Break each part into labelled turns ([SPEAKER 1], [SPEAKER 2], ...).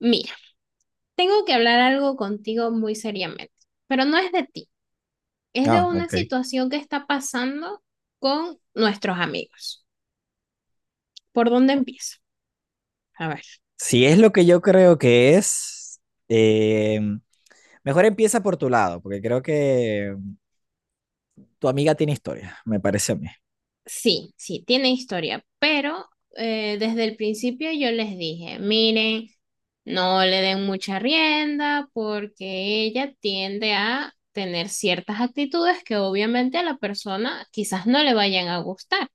[SPEAKER 1] Mira, tengo que hablar algo contigo muy seriamente, pero no es de ti, es de
[SPEAKER 2] Ah,
[SPEAKER 1] una
[SPEAKER 2] ok.
[SPEAKER 1] situación que está pasando con nuestros amigos. ¿Por dónde empiezo? A ver.
[SPEAKER 2] Si es lo que yo creo que es, eh, mejor empieza por tu lado, porque creo que tu amiga tiene historia, me parece a mí.
[SPEAKER 1] Sí, sí, tiene historia, pero desde el principio yo les dije, miren, no le den mucha rienda porque ella tiende a tener ciertas actitudes que obviamente a la persona quizás no le vayan a gustar.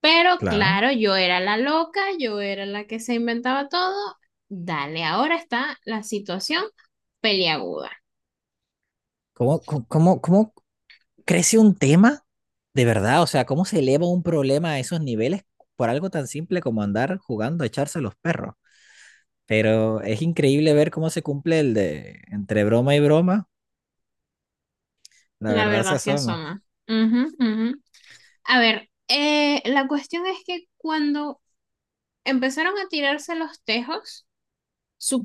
[SPEAKER 1] Pero
[SPEAKER 2] Claro.
[SPEAKER 1] claro, yo era la loca, yo era la que se inventaba todo. Dale, ahora está la situación peliaguda.
[SPEAKER 2] ¿Cómo crece un tema de verdad? O sea, ¿cómo se eleva un problema a esos niveles por algo tan simple como andar jugando a echarse a los perros? Pero es increíble ver cómo se cumple el de entre broma y broma, la
[SPEAKER 1] La
[SPEAKER 2] verdad se
[SPEAKER 1] verdad se
[SPEAKER 2] asoma.
[SPEAKER 1] asoma. Ujú, ujú. A ver, la cuestión es que cuando empezaron a tirarse los tejos,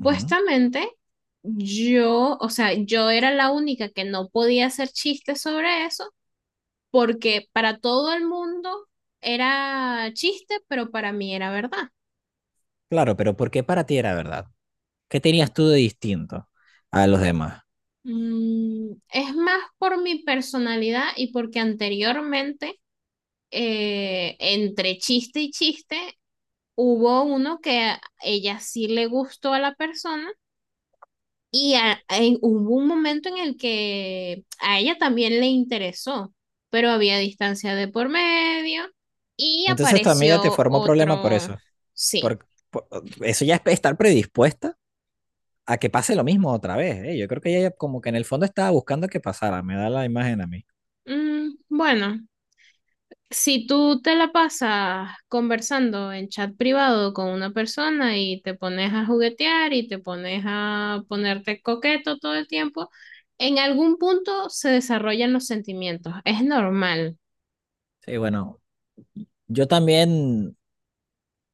[SPEAKER 2] Ujú.
[SPEAKER 1] yo, o sea, yo era la única que no podía hacer chistes sobre eso, porque para todo el mundo era chiste, pero para mí era verdad.
[SPEAKER 2] Claro, pero ¿por qué para ti era verdad? ¿Qué tenías tú de distinto a los demás?
[SPEAKER 1] Es más por mi personalidad y porque anteriormente, entre chiste y chiste, hubo uno que a ella sí le gustó a la persona y hubo un momento en el que a ella también le interesó, pero había distancia de por medio y
[SPEAKER 2] Entonces tu amiga te
[SPEAKER 1] apareció
[SPEAKER 2] formó problema por
[SPEAKER 1] otro,
[SPEAKER 2] eso.
[SPEAKER 1] sí.
[SPEAKER 2] Por, por- Eso ya es estar predispuesta a que pase lo mismo otra vez, ¿eh? Yo creo que ella como que en el fondo estaba buscando que pasara, me da la imagen a mí.
[SPEAKER 1] Bueno, si tú te la pasas conversando en chat privado con una persona y te pones a juguetear y te pones a ponerte coqueto todo el tiempo, en algún punto se desarrollan los sentimientos. Es normal.
[SPEAKER 2] Sí, bueno, yo también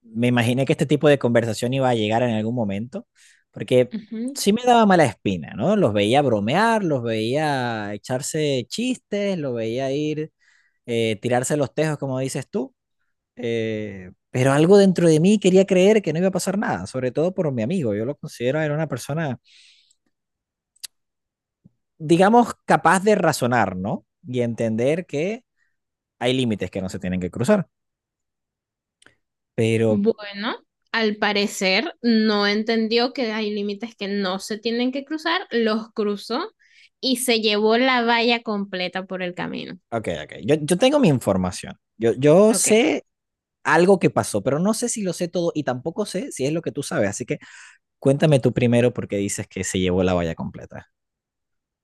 [SPEAKER 2] me imaginé que este tipo de conversación iba a llegar en algún momento, porque
[SPEAKER 1] Ujú.
[SPEAKER 2] sí me daba mala espina, ¿no? Los veía bromear, los veía echarse chistes, los veía ir, tirarse los tejos, como dices tú. Pero algo dentro de mí quería creer que no iba a pasar nada, sobre todo por mi amigo. Yo lo considero era una persona, digamos, capaz de razonar, ¿no? Y entender que hay límites que no se tienen que cruzar. Pero,
[SPEAKER 1] Bueno, al parecer no entendió que hay límites que no se tienen que cruzar, los cruzó y se llevó la valla completa por el camino.
[SPEAKER 2] ok, ok. Yo tengo mi información. Yo
[SPEAKER 1] Ok.
[SPEAKER 2] sé algo que pasó, pero no sé si lo sé todo y tampoco sé si es lo que tú sabes. Así que cuéntame tú primero porque dices que se llevó la valla completa.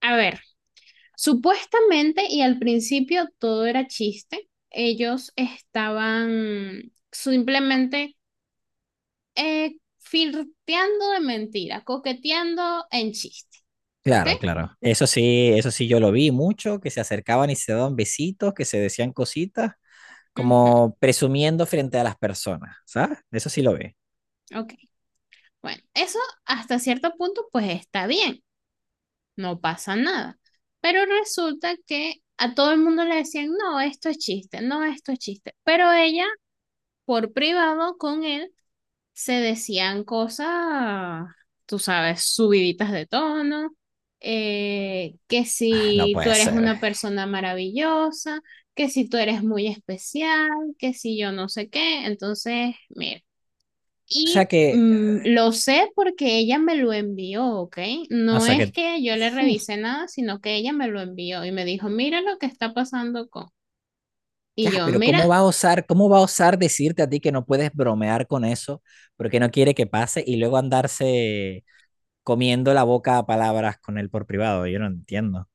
[SPEAKER 1] A ver. Supuestamente, y al principio todo era chiste, ellos estaban simplemente flirteando de mentira, coqueteando en chiste. ¿Ok?
[SPEAKER 2] Claro, claro. Eso sí yo lo vi mucho, que se acercaban y se daban besitos, que se decían cositas,
[SPEAKER 1] Ujú,
[SPEAKER 2] como presumiendo frente a las personas, ¿sabes? Eso sí lo vi.
[SPEAKER 1] ok. Bueno, eso hasta cierto punto pues está bien, no pasa nada. Pero resulta que a todo el mundo le decían, no, esto es chiste, no, esto es chiste. Pero ella, por privado con él, se decían cosas, tú sabes, subiditas de tono, que
[SPEAKER 2] Ah, no
[SPEAKER 1] si tú
[SPEAKER 2] puede
[SPEAKER 1] eres
[SPEAKER 2] ser.
[SPEAKER 1] una persona maravillosa, que si tú eres muy especial, que si yo no sé qué, entonces, mira, y
[SPEAKER 2] Sea que,
[SPEAKER 1] lo sé porque ella me lo envió, ¿ok?
[SPEAKER 2] o
[SPEAKER 1] No
[SPEAKER 2] sea
[SPEAKER 1] es
[SPEAKER 2] que,
[SPEAKER 1] que yo le
[SPEAKER 2] uf,
[SPEAKER 1] revisé nada, sino que ella me lo envió y me dijo, mira lo que está pasando con...
[SPEAKER 2] ya,
[SPEAKER 1] Y yo,
[SPEAKER 2] pero
[SPEAKER 1] mira,
[SPEAKER 2] ¿cómo va a osar, cómo va a osar decirte a ti que no puedes bromear con eso porque no quiere que pase y luego andarse comiendo la boca a palabras con él por privado? Yo no entiendo.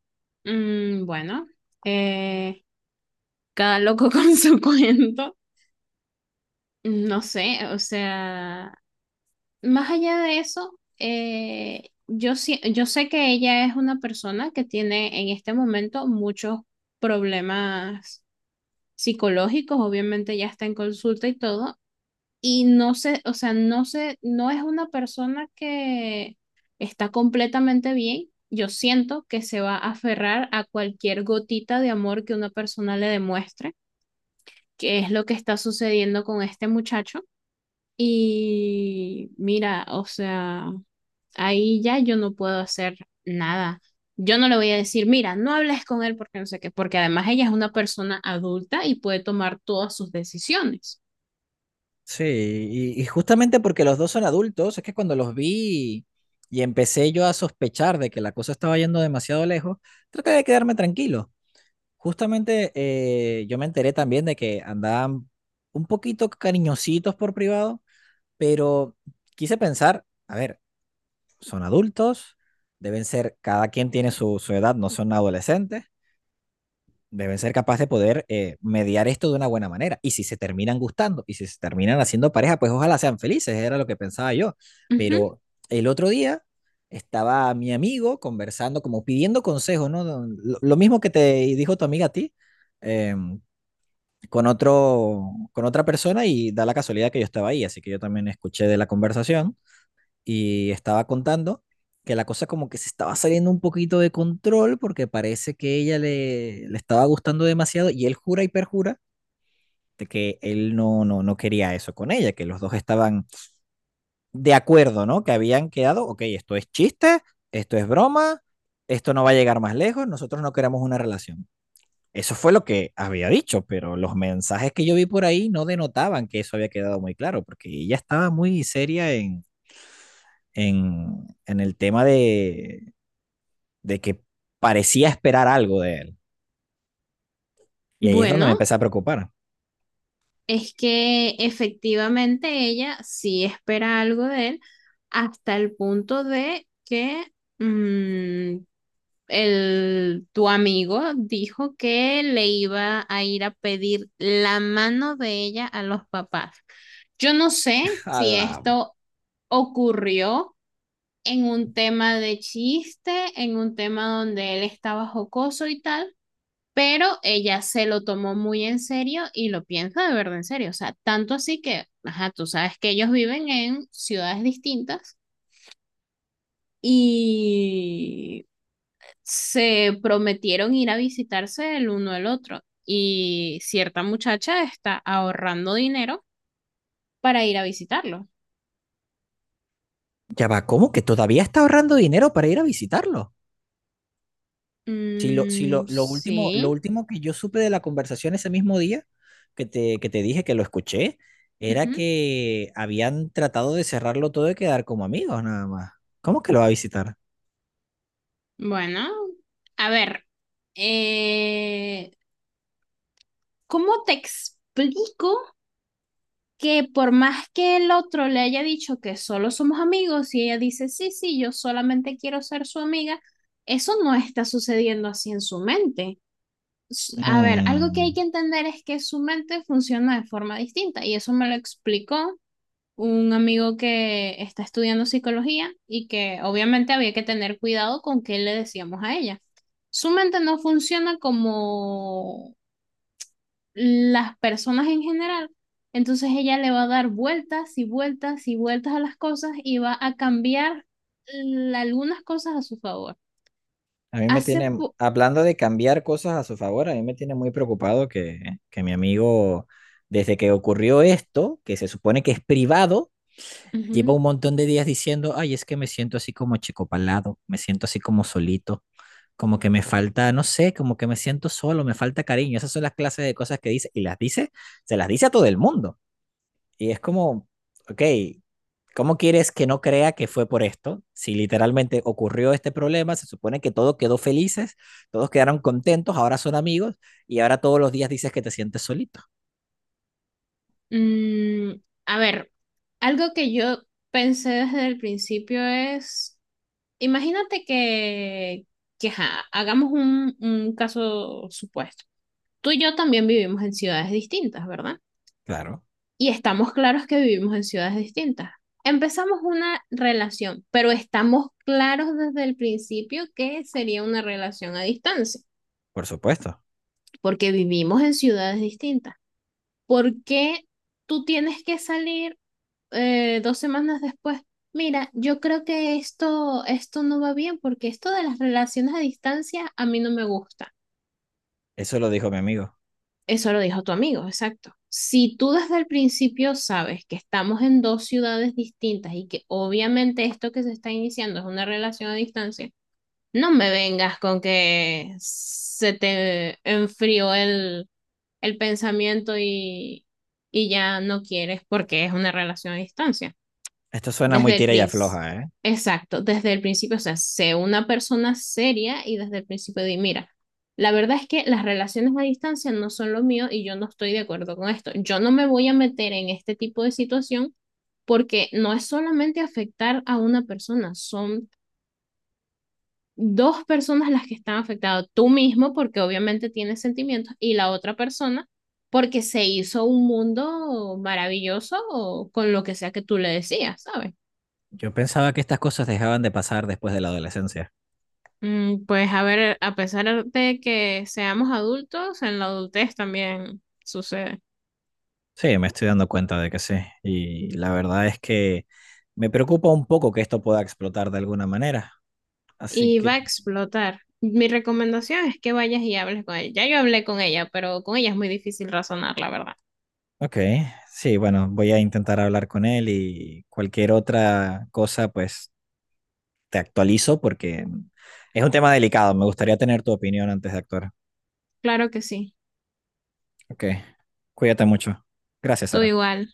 [SPEAKER 1] bueno, eh, cada loco con su cuento. No sé, o sea, más allá de eso, yo, yo sé que ella es una persona que tiene en este momento muchos problemas psicológicos, obviamente ya está en consulta y todo, y no sé, o sea, no sé, no es una persona que está completamente bien. Yo siento que se va a aferrar a cualquier gotita de amor que una persona le demuestre, que es lo que está sucediendo con este muchacho. Y mira, o sea, ahí ya yo no puedo hacer nada. Yo no le voy a decir, mira, no hables con él porque no sé qué, porque además ella es una persona adulta y puede tomar todas sus decisiones.
[SPEAKER 2] Sí, y justamente porque los dos son adultos, es que cuando los vi y empecé yo a sospechar de que la cosa estaba yendo demasiado lejos, traté de quedarme tranquilo. Justamente yo me enteré también de que andaban un poquito cariñositos por privado, pero quise pensar, a ver, son adultos, deben ser, cada quien tiene su edad, no son adolescentes, deben ser capaces de poder mediar esto de una buena manera. Y si se terminan gustando y si se terminan haciendo pareja, pues ojalá sean felices, era lo que pensaba yo.
[SPEAKER 1] Ujú.
[SPEAKER 2] Pero el otro día estaba mi amigo conversando, como pidiendo consejos, ¿no? Lo mismo que te dijo tu amiga a ti. em, con otro, con otra persona y da la casualidad que yo estaba ahí, así que yo también escuché de la conversación y estaba contando que la cosa como que se estaba saliendo un poquito de control porque parece que ella le, le estaba gustando demasiado y él jura y perjura de que él no quería eso con ella, que los dos estaban de acuerdo, ¿no? Que habían quedado, ok, esto es chiste, esto es broma, esto no va a llegar más lejos, nosotros no queremos una relación. Eso fue lo que había dicho, pero los mensajes que yo vi por ahí no denotaban que eso había quedado muy claro, porque ella estaba muy seria en el tema de que parecía esperar algo de él. Y ahí es donde me
[SPEAKER 1] Bueno,
[SPEAKER 2] empecé a preocupar.
[SPEAKER 1] es que efectivamente ella sí espera algo de él hasta el punto de que mm, el, tu amigo dijo que le iba a ir a pedir la mano de ella a los papás. Yo no sé
[SPEAKER 2] A
[SPEAKER 1] si
[SPEAKER 2] la-
[SPEAKER 1] esto ocurrió en un tema de chiste, en un tema donde él estaba jocoso y tal, pero ella se lo tomó muy en serio y lo piensa de verdad en serio. O sea, tanto así que, ajá, tú sabes que ellos viven en ciudades distintas y se prometieron ir a visitarse el uno al otro y cierta muchacha está ahorrando dinero para ir a visitarlo.
[SPEAKER 2] ya va, ¿cómo que todavía está ahorrando dinero para ir a visitarlo? Si lo, si lo,
[SPEAKER 1] Mm,
[SPEAKER 2] lo último, lo
[SPEAKER 1] sí.
[SPEAKER 2] último que yo supe de la conversación ese mismo día, que te dije que lo escuché, era
[SPEAKER 1] Ujú.
[SPEAKER 2] que habían tratado de cerrarlo todo y quedar como amigos nada más. ¿Cómo que lo va a visitar?
[SPEAKER 1] Bueno, a ver, eh, ¿cómo te explico que por más que el otro le haya dicho que solo somos amigos y ella dice, sí, sí, yo solamente quiero ser su amiga, eso no está sucediendo así en su mente? A ver, algo que hay
[SPEAKER 2] Mm,
[SPEAKER 1] que entender es que su mente funciona de forma distinta y eso me lo explicó un amigo que está estudiando psicología y que obviamente había que tener cuidado con qué le decíamos a ella. Su mente no funciona como las personas en general, entonces ella le va a dar vueltas y vueltas y vueltas a las cosas y va a cambiar algunas cosas a su favor.
[SPEAKER 2] A mí me
[SPEAKER 1] Hace
[SPEAKER 2] tiene,
[SPEAKER 1] po-
[SPEAKER 2] hablando de cambiar cosas a su favor, a mí me tiene muy preocupado que mi amigo, desde que ocurrió esto, que se supone que es privado, lleva
[SPEAKER 1] Ujú.
[SPEAKER 2] un montón de días diciendo, ay, es que me siento así como achicopalado, me siento así como solito, como que me falta, no sé, como que me siento solo, me falta cariño. Esas son las clases de cosas que dice y las dice, se las dice a todo el mundo. Y es como, ok, ¿cómo quieres que no crea que fue por esto? Si literalmente ocurrió este problema, se supone que todo quedó felices, todos quedaron contentos, ahora son amigos y ahora todos los días dices que te sientes solito.
[SPEAKER 1] Mm, a ver, algo que yo pensé desde el principio es, imagínate que ajá, hagamos un caso supuesto. Tú y yo también vivimos en ciudades distintas, ¿verdad?
[SPEAKER 2] Claro,
[SPEAKER 1] Y estamos claros que vivimos en ciudades distintas. Empezamos una relación, pero estamos claros desde el principio que sería una relación a distancia,
[SPEAKER 2] por supuesto.
[SPEAKER 1] porque vivimos en ciudades distintas. ¿Por qué tú tienes que salir 2 semanas después, mira, yo creo que esto no va bien porque esto de las relaciones a distancia a mí no me gusta.
[SPEAKER 2] Eso lo dijo mi amigo.
[SPEAKER 1] Eso lo dijo tu amigo, exacto. Si tú desde el principio sabes que estamos en 2 ciudades distintas y que obviamente esto que se está iniciando es una relación a distancia, no me vengas con que se te enfrió el pensamiento y ya no quieres porque es una relación a distancia.
[SPEAKER 2] Esto suena muy
[SPEAKER 1] Desde el
[SPEAKER 2] tira y
[SPEAKER 1] principio.
[SPEAKER 2] afloja, ¿eh?
[SPEAKER 1] Exacto, desde el principio, o sea, sé una persona seria y desde el principio di, mira, la verdad es que las relaciones a distancia no son lo mío y yo no estoy de acuerdo con esto. Yo no me voy a meter en este tipo de situación porque no es solamente afectar a una persona, son 2 personas las que están afectadas, tú mismo porque obviamente tienes sentimientos y la otra persona porque se hizo un mundo maravilloso con lo que sea que tú le decías, ¿sabes?
[SPEAKER 2] Yo pensaba que estas cosas dejaban de pasar después de la adolescencia.
[SPEAKER 1] Mm, pues a ver, a pesar de que seamos adultos, en la adultez también sucede.
[SPEAKER 2] Sí, me estoy dando cuenta de que sí. Y la verdad es que me preocupa un poco que esto pueda explotar de alguna manera. Así
[SPEAKER 1] Y va a
[SPEAKER 2] que,
[SPEAKER 1] explotar. Mi recomendación es que vayas y hables con ella. Ya yo hablé con ella, pero con ella es muy difícil razonar, la verdad.
[SPEAKER 2] ok, sí, bueno, voy a intentar hablar con él y cualquier otra cosa, pues te actualizo porque es un tema delicado. Me gustaría tener tu opinión antes de actuar.
[SPEAKER 1] Claro que sí.
[SPEAKER 2] Ok, cuídate mucho. Gracias,
[SPEAKER 1] Tú
[SPEAKER 2] Sara.
[SPEAKER 1] igual.